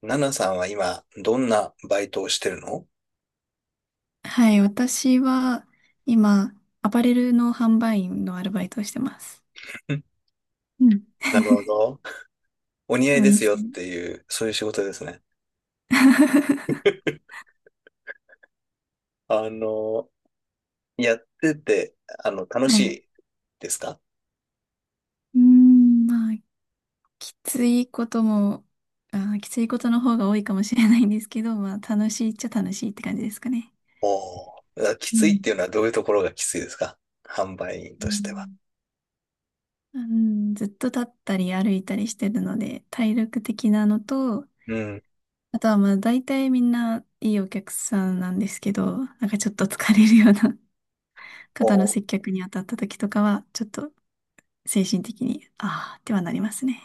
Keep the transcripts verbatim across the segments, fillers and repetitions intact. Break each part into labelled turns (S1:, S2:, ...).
S1: ナナさんは今、どんなバイトをしてるのん？
S2: はい、私は今、アパレルの販売員のアルバイトをしてます。うん。
S1: なるほど。お似合
S2: お
S1: いです
S2: 店。
S1: よっていう、そういう仕事ですね。あの、やってて、あの、楽
S2: は
S1: し
S2: い。
S1: いですか？
S2: うーん、まあ、きついことも、あー、きついことの方が多いかもしれないんですけど、まあ、楽しいっちゃ楽しいって感じですかね。
S1: おおー。き
S2: う
S1: つい
S2: ん、
S1: っていうのはどういうところがきついですか、販売員
S2: う
S1: としては。
S2: ん、うん。ずっと立ったり歩いたりしてるので、体力的なのと、
S1: うん。
S2: あとはまあ、大体みんないいお客さんなんですけど、なんかちょっと疲れるような
S1: お
S2: 肩の
S1: ー、
S2: 接客に当たった時とかは、ちょっと精神的に、ああ、ってはなりますね。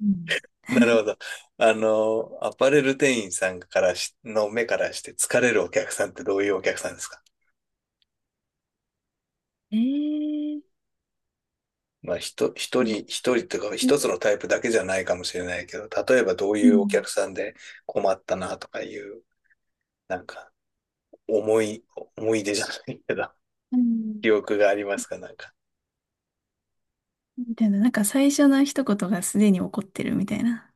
S2: うん。
S1: なるほど。あの、アパレル店員さんからし、の目からして疲れるお客さんってどういうお客さんですか？
S2: えー、
S1: まあ、ひと、一
S2: うん
S1: 人、一人というか、
S2: う、
S1: 一つのタイプだけじゃないかもしれないけど、例えばどういうお
S2: ん、
S1: 客さんで困ったなとかいう、なんか、思い、思い出じゃないけど、
S2: う ん。
S1: 記憶がありますか、なんか。
S2: みたいな、なんか最初の一言がすでに起こってるみたいな。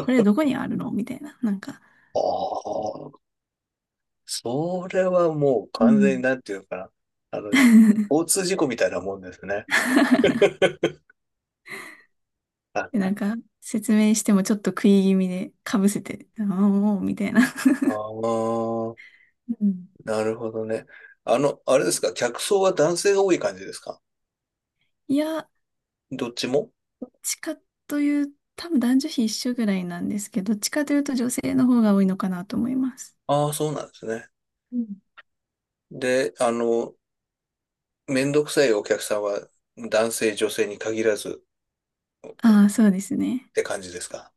S2: こ れどこにあるのみたいな。なんか、
S1: ああ、それはもう
S2: う
S1: 完全に
S2: ん。
S1: なんていうのかな。あの、交通事故みたいなもんですね。あ
S2: で、な
S1: あ
S2: んか説明してもちょっと食い気味でかぶせて、ああ、もう、みたいな。
S1: ー、
S2: うん。
S1: なるほどね。あの、あれですか、客層は男性が多い感じですか？
S2: いや、
S1: どっちも？
S2: どっちかという、多分男女比一緒ぐらいなんですけど、どっちかというと女性の方が多いのかなと思います。
S1: ああー、そうなんですね。で、あの、めんどくさいお客さんは男性、女性に限らず
S2: ああ、そうですね。
S1: って感じですか？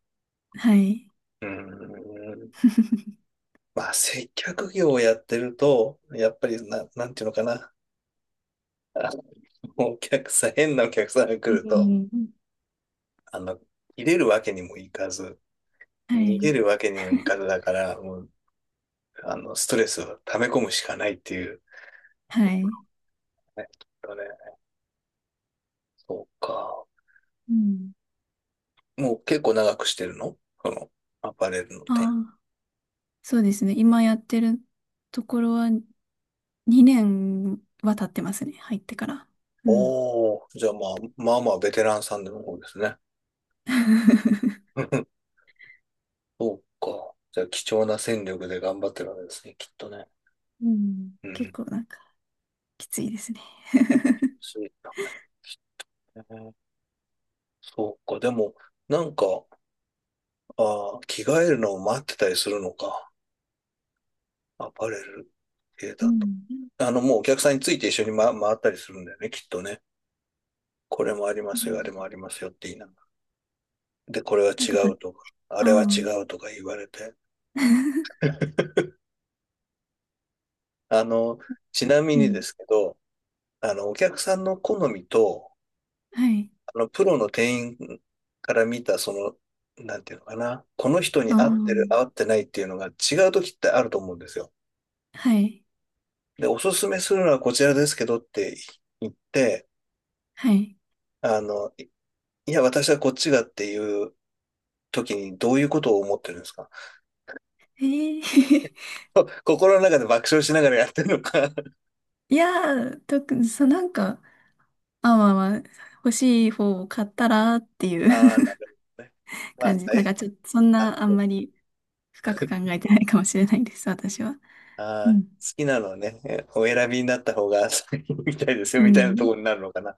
S2: はい。
S1: うーん。まあ、接客業をやってると、やっぱりな、なんていうのかな。あの、お客さん、変なお客さんが来
S2: う
S1: ると、
S2: ん。
S1: あの、入れるわけにもいかず、
S2: は
S1: 逃
S2: い。
S1: げるわけにもいかずだから、もう、あの、ストレスを溜め込むしかないっていう。
S2: はい。
S1: ね、きっとね。そうか。
S2: うん。
S1: もう結構長くしてるの、その、アパレルの店。
S2: ああ、そうですね。今やってるところはにねんは経ってますね。入ってから。うん。
S1: おー、じゃあまあ、まあまあ、ベテランさんでの方ですね。そうか。じゃあ、貴重な戦力で頑張ってるわけですね、きっとね。
S2: うん。
S1: う
S2: 結
S1: ん。
S2: 構なんかきついですね。
S1: そうだね。そうか。でも、なんか、あー、着替えるのを待ってたりするのか。アパレル系
S2: う
S1: だと。
S2: ん。
S1: あの、もうお客さんについて一緒に、ま、回ったりするんだよね、きっとね。これもありま
S2: う
S1: すよ、あれ
S2: ん。
S1: もありますよって言いながら。で、これは
S2: なん
S1: 違
S2: かと、あ
S1: うとか、あれは違
S2: あ。
S1: うとか言われて。あの、ちなみ
S2: う
S1: にで
S2: ん。
S1: すけど、あの、お客さんの好みと、
S2: はい。
S1: あの、プロの店員から見た、その、なんていうのかな、この人
S2: あ
S1: に
S2: あ。
S1: 合ってる、合ってないっていうのが違う時ってあると思うんですよ。
S2: はい。
S1: で、おすすめするのはこちらですけどって言って、
S2: はい。
S1: あの、いいや、私はこっちがっていう時にどういうことを思ってるんですか？
S2: ええ。
S1: こ 心の中で爆笑しながらやってるのか？
S2: いやー、特に、そう、なんか、まあ、まあまあ、欲しい方を買ったらってい う
S1: ああ、なるほどね。まあ、
S2: 感じ。なん
S1: 最
S2: かちょっと、そん
S1: あ、
S2: なあ
S1: そ
S2: ん
S1: う、
S2: まり深く考えてないかもしれないです、私は。
S1: あ
S2: うん。
S1: ー、好きなのはね、お選びになった方が みたいですよ、
S2: う
S1: みたいなとこ
S2: ん。
S1: ろになるのかな。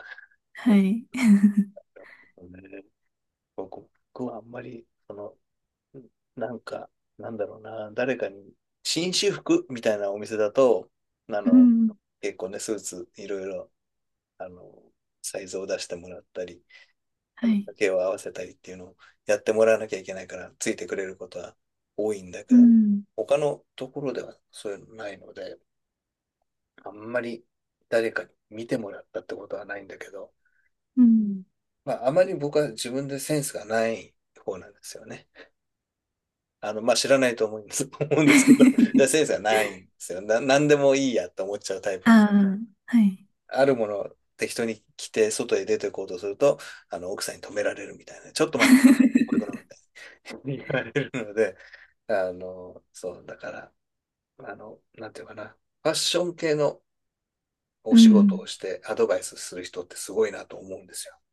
S2: は
S1: う
S2: い。
S1: んね、僕はあんまり、その、なんか、なんだろうな、誰かに、紳士服みたいなお店だと、あ
S2: う
S1: の、
S2: ん。
S1: 結構ね、スーツ、いろいろ、あの、サイズを出してもらったり、あ
S2: は
S1: の、
S2: い。
S1: 丈を合わせたりっていうのをやってもらわなきゃいけないから、ついてくれることは多いんだけ
S2: う
S1: ど、
S2: ん。
S1: 他のところではそういうのないので、あんまり誰かに見てもらったってことはないんだけど、
S2: うん。
S1: まあ、あまり僕は自分でセンスがない方なんですよね。あの、まあ、知らないと思うんです 思うんですけど、いやセンス がないんですよ。な、何でもいいやって思っちゃうタイプな。
S2: ああ、はい。
S1: あるものを適当に着て、外へ出て行こうとすると、あの、奥さんに止められるみたいな。ちょっと待って、こういうこ とみたいに言われるので、あの、そう、だから、あの、なんていうかな。ファッション系のお
S2: う
S1: 仕事
S2: ん。
S1: をしてアドバイスする人ってすごいなと思うんですよ。う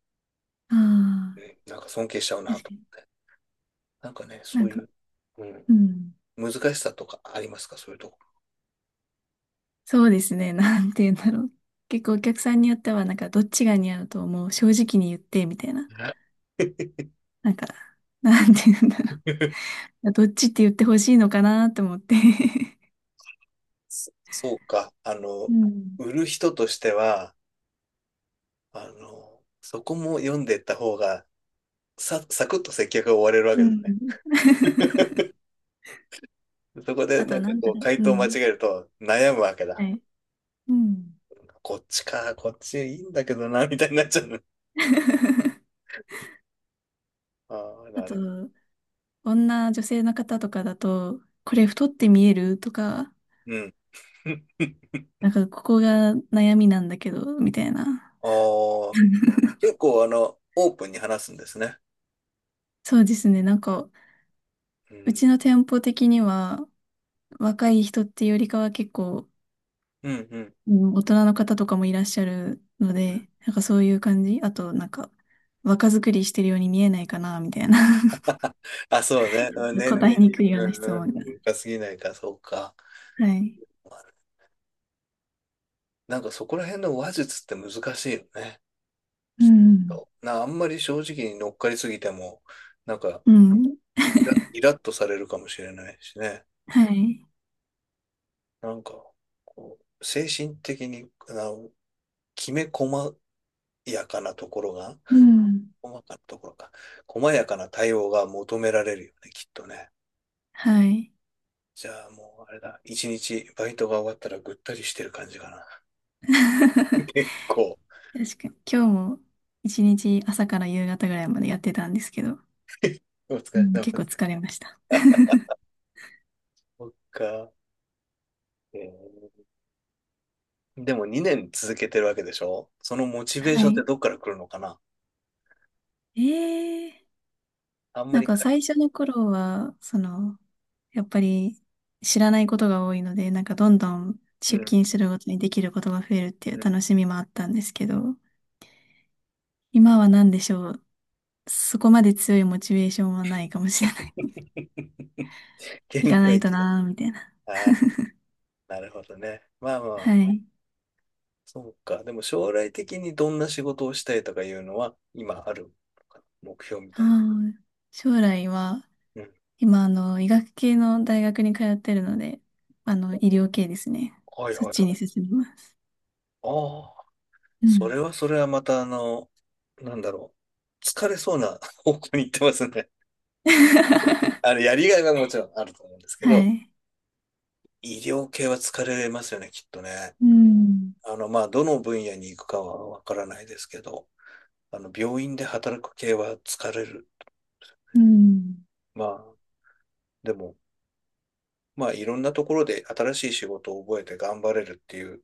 S2: ああ、
S1: ん、なんか尊敬しちゃうな
S2: 確
S1: と。
S2: かに。
S1: なんかね、
S2: な
S1: そ
S2: ん
S1: うい
S2: か、
S1: う、うん、
S2: うん。
S1: 難しさとかありますか、そういうとこ
S2: そうですね。なんて言うんだろう。結構お客さんによっては、なんか、どっちが似合うと思う。正直に言って、みたいな。
S1: ろ。
S2: なんか、なんて言うんだろう。どっちって言ってほしいのかなって思って。
S1: そ、そうか。あ の、
S2: うん。
S1: 売る人としては、あの、そこも読んでいった方が、さ、サクッと接客が終われるわ
S2: う
S1: けです
S2: ん。
S1: ね。そこで、
S2: あ
S1: な
S2: と、
S1: んか
S2: なん
S1: こ
S2: だ
S1: う、
S2: ろ
S1: 回
S2: う。う
S1: 答を間違
S2: ん。
S1: えると悩むわけ
S2: は
S1: だ。
S2: い。うん。
S1: こっちか、こっちいいんだけどな、みたいになっちゃうの。ああ、
S2: あ
S1: なる
S2: と、
S1: ほど。
S2: 女、女性の方とかだと、これ
S1: う
S2: 太って見えるとか、
S1: ん。うん。
S2: なんかここが悩みなんだけど、みたいな。
S1: ああ、結構あの、オープンに話すんですね。
S2: そうですね。なんか、
S1: う
S2: う
S1: ん。
S2: ちの店舗的には、若い人っていうよりかは結構、
S1: うん、うん。
S2: うん、大人の方とかもいらっしゃるの
S1: うん、
S2: で、なんかそういう感じ。あと、なんか、若作りしてるように見えないかな、みたいな。
S1: あ、そうね。うん、 年
S2: 答え
S1: 齢
S2: に
S1: に、
S2: くいような
S1: う
S2: 質
S1: ん、う
S2: 問が。
S1: ん、深すぎないか、そうか。
S2: はい。
S1: なんかそこら辺の話術って難しいよね。
S2: うん。
S1: な、あんまり正直に乗っかりすぎても、なんか、
S2: うん。
S1: イライラッとされるかもしれないしね。
S2: はい。
S1: なんか、こう、精神的に、な、きめ細やかなところが、
S2: うん。
S1: 細かなところか、細やかな対応が求められるよね、きっとね。
S2: はい。
S1: じゃあもう、あれだ、一日バイトが終わったらぐったりしてる感じかな。
S2: 確
S1: 結構、
S2: かに。今日も一日朝から夕方ぐらいまでやってたんですけど、
S1: お疲
S2: う
S1: れ
S2: ん、
S1: 様。
S2: 結構疲れました。
S1: そっか。えー、でもにねん続けてるわけでしょ、そのモチベー
S2: は
S1: ションって
S2: い。
S1: どっから来るのかな。
S2: えー。
S1: あんま
S2: なん
S1: り
S2: か
S1: か、
S2: 最初の頃は、その、やっぱり知らないことが多いので、なんかどんどん
S1: う
S2: 出
S1: ん。
S2: 勤するごとにできることが増えるってい
S1: う
S2: う
S1: ん。
S2: 楽しみもあったんですけど、今は何でしょう。そこまで強いモチベーションはないかもしれない。行
S1: 限
S2: かない
S1: 界
S2: と
S1: 期だ。
S2: なーみたいな。
S1: あー、なるほどね。まあま
S2: は
S1: あ、
S2: い。
S1: そうか。でも将来的にどんな仕事をしたいとかいうのは、今あるのかな、目標み
S2: あ
S1: たいな。
S2: ー将来は、
S1: うん。
S2: 今、あの、医学系の大学に通ってるので、あの、医療系ですね。
S1: お、はい
S2: そっ
S1: はい
S2: ち
S1: は
S2: に
S1: い。
S2: 進みます。
S1: ああ、
S2: う
S1: そ
S2: ん。
S1: れはそれはまたあの、なんだろう。疲れそうな 方向に行ってますね。あの、やりがいはもちろんあると思うんですけ
S2: は
S1: ど、
S2: い。
S1: 医療系は疲れますよね、きっとね。
S2: うん。
S1: あの、まあ、どの分野に行くかはわからないですけど、あの、病院で働く系は疲れる。
S2: うん。
S1: まあ、でも、まあいろんなところで新しい仕事を覚えて頑張れるっていう、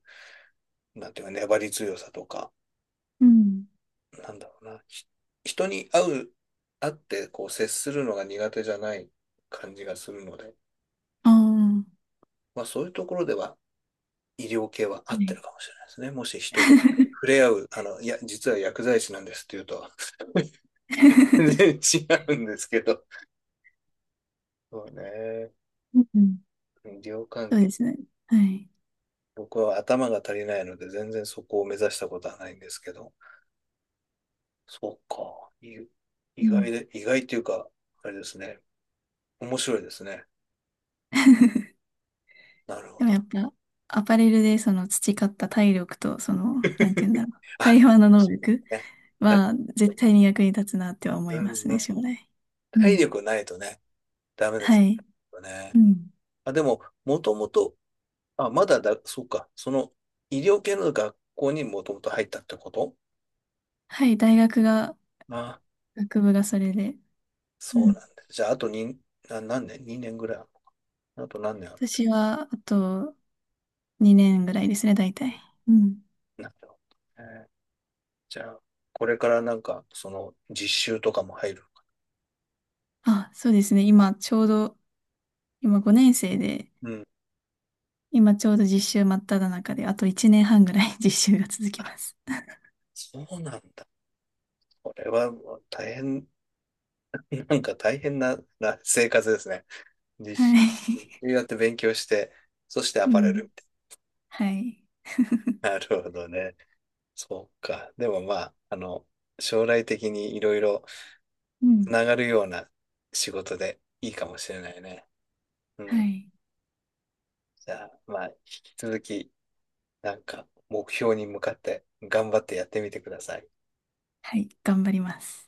S1: なんていうか粘り強さとか、
S2: うん。
S1: なんだろうな、ひ人に会う、会ってこう接するのが苦手じゃない感じがするので、
S2: あ
S1: まあそういうところでは医療系は
S2: あ、
S1: 合
S2: は
S1: って
S2: い。
S1: るかもしれないですね。もし人と触れ合う、あの、いや、実は薬剤師なんですっていうと、全然 違うんですけど。そうね。
S2: うん。
S1: 医療関
S2: そう
S1: 係。
S2: ですね。はい。
S1: 僕は頭が足りないので、全然そこを目指したことはないんですけど。そうか。い
S2: う
S1: 意
S2: ん。
S1: 外で、意外というか、あれですね。面白いですね。なるほ
S2: でも
S1: ど。
S2: やっぱ、アパレルでその培った体力と、その、なんて言うんだ ろう。
S1: あ、
S2: 会話の能
S1: そ
S2: 力
S1: うね。だ、
S2: は絶対に役に立つなっては思
S1: う
S2: い
S1: ん
S2: ます
S1: うん、
S2: ね、将来。う
S1: 体
S2: ん。
S1: 力ないとね、ダメで
S2: は
S1: す
S2: い。
S1: よね。
S2: うん。
S1: あ、でも、もともと、あ、まだだ、そうか。その、医療系の学校にもともと入ったってこと？
S2: はい、大学が、
S1: あ、
S2: 学部がそれで。う
S1: そうなんだ。
S2: ん。
S1: じゃあ、あとに、な、何年？ に 年ぐらいあるのか。あと何年あるってこ
S2: 私は、あとにねんぐらいですね、大体。うん。
S1: と？なるほどね。じゃあ、これからなんか、その、実習とかも入る。
S2: あ、そうですね。今、ちょうど、今ごねん生で、
S1: うん。
S2: 今ちょうど実習真っ只中で、あといちねんはんぐらい 実習が続きます。
S1: そうなんだ。これはもう大変、なんか大変な、な生活ですね。日
S2: は
S1: 誌
S2: い。
S1: 日誌やって勉強して、そして ア
S2: う
S1: パレル
S2: ん。
S1: みたい
S2: はい。
S1: な。なるほどね。そうか。でもまあ、あの、将来的にいろいろ
S2: う
S1: つ
S2: ん。
S1: ながるような仕事でいいかもしれないね。う
S2: は
S1: ん。
S2: い。
S1: じゃあ、まあ、引き続き、なんか目標に向かって頑張ってやってみてください。
S2: はい。頑張ります。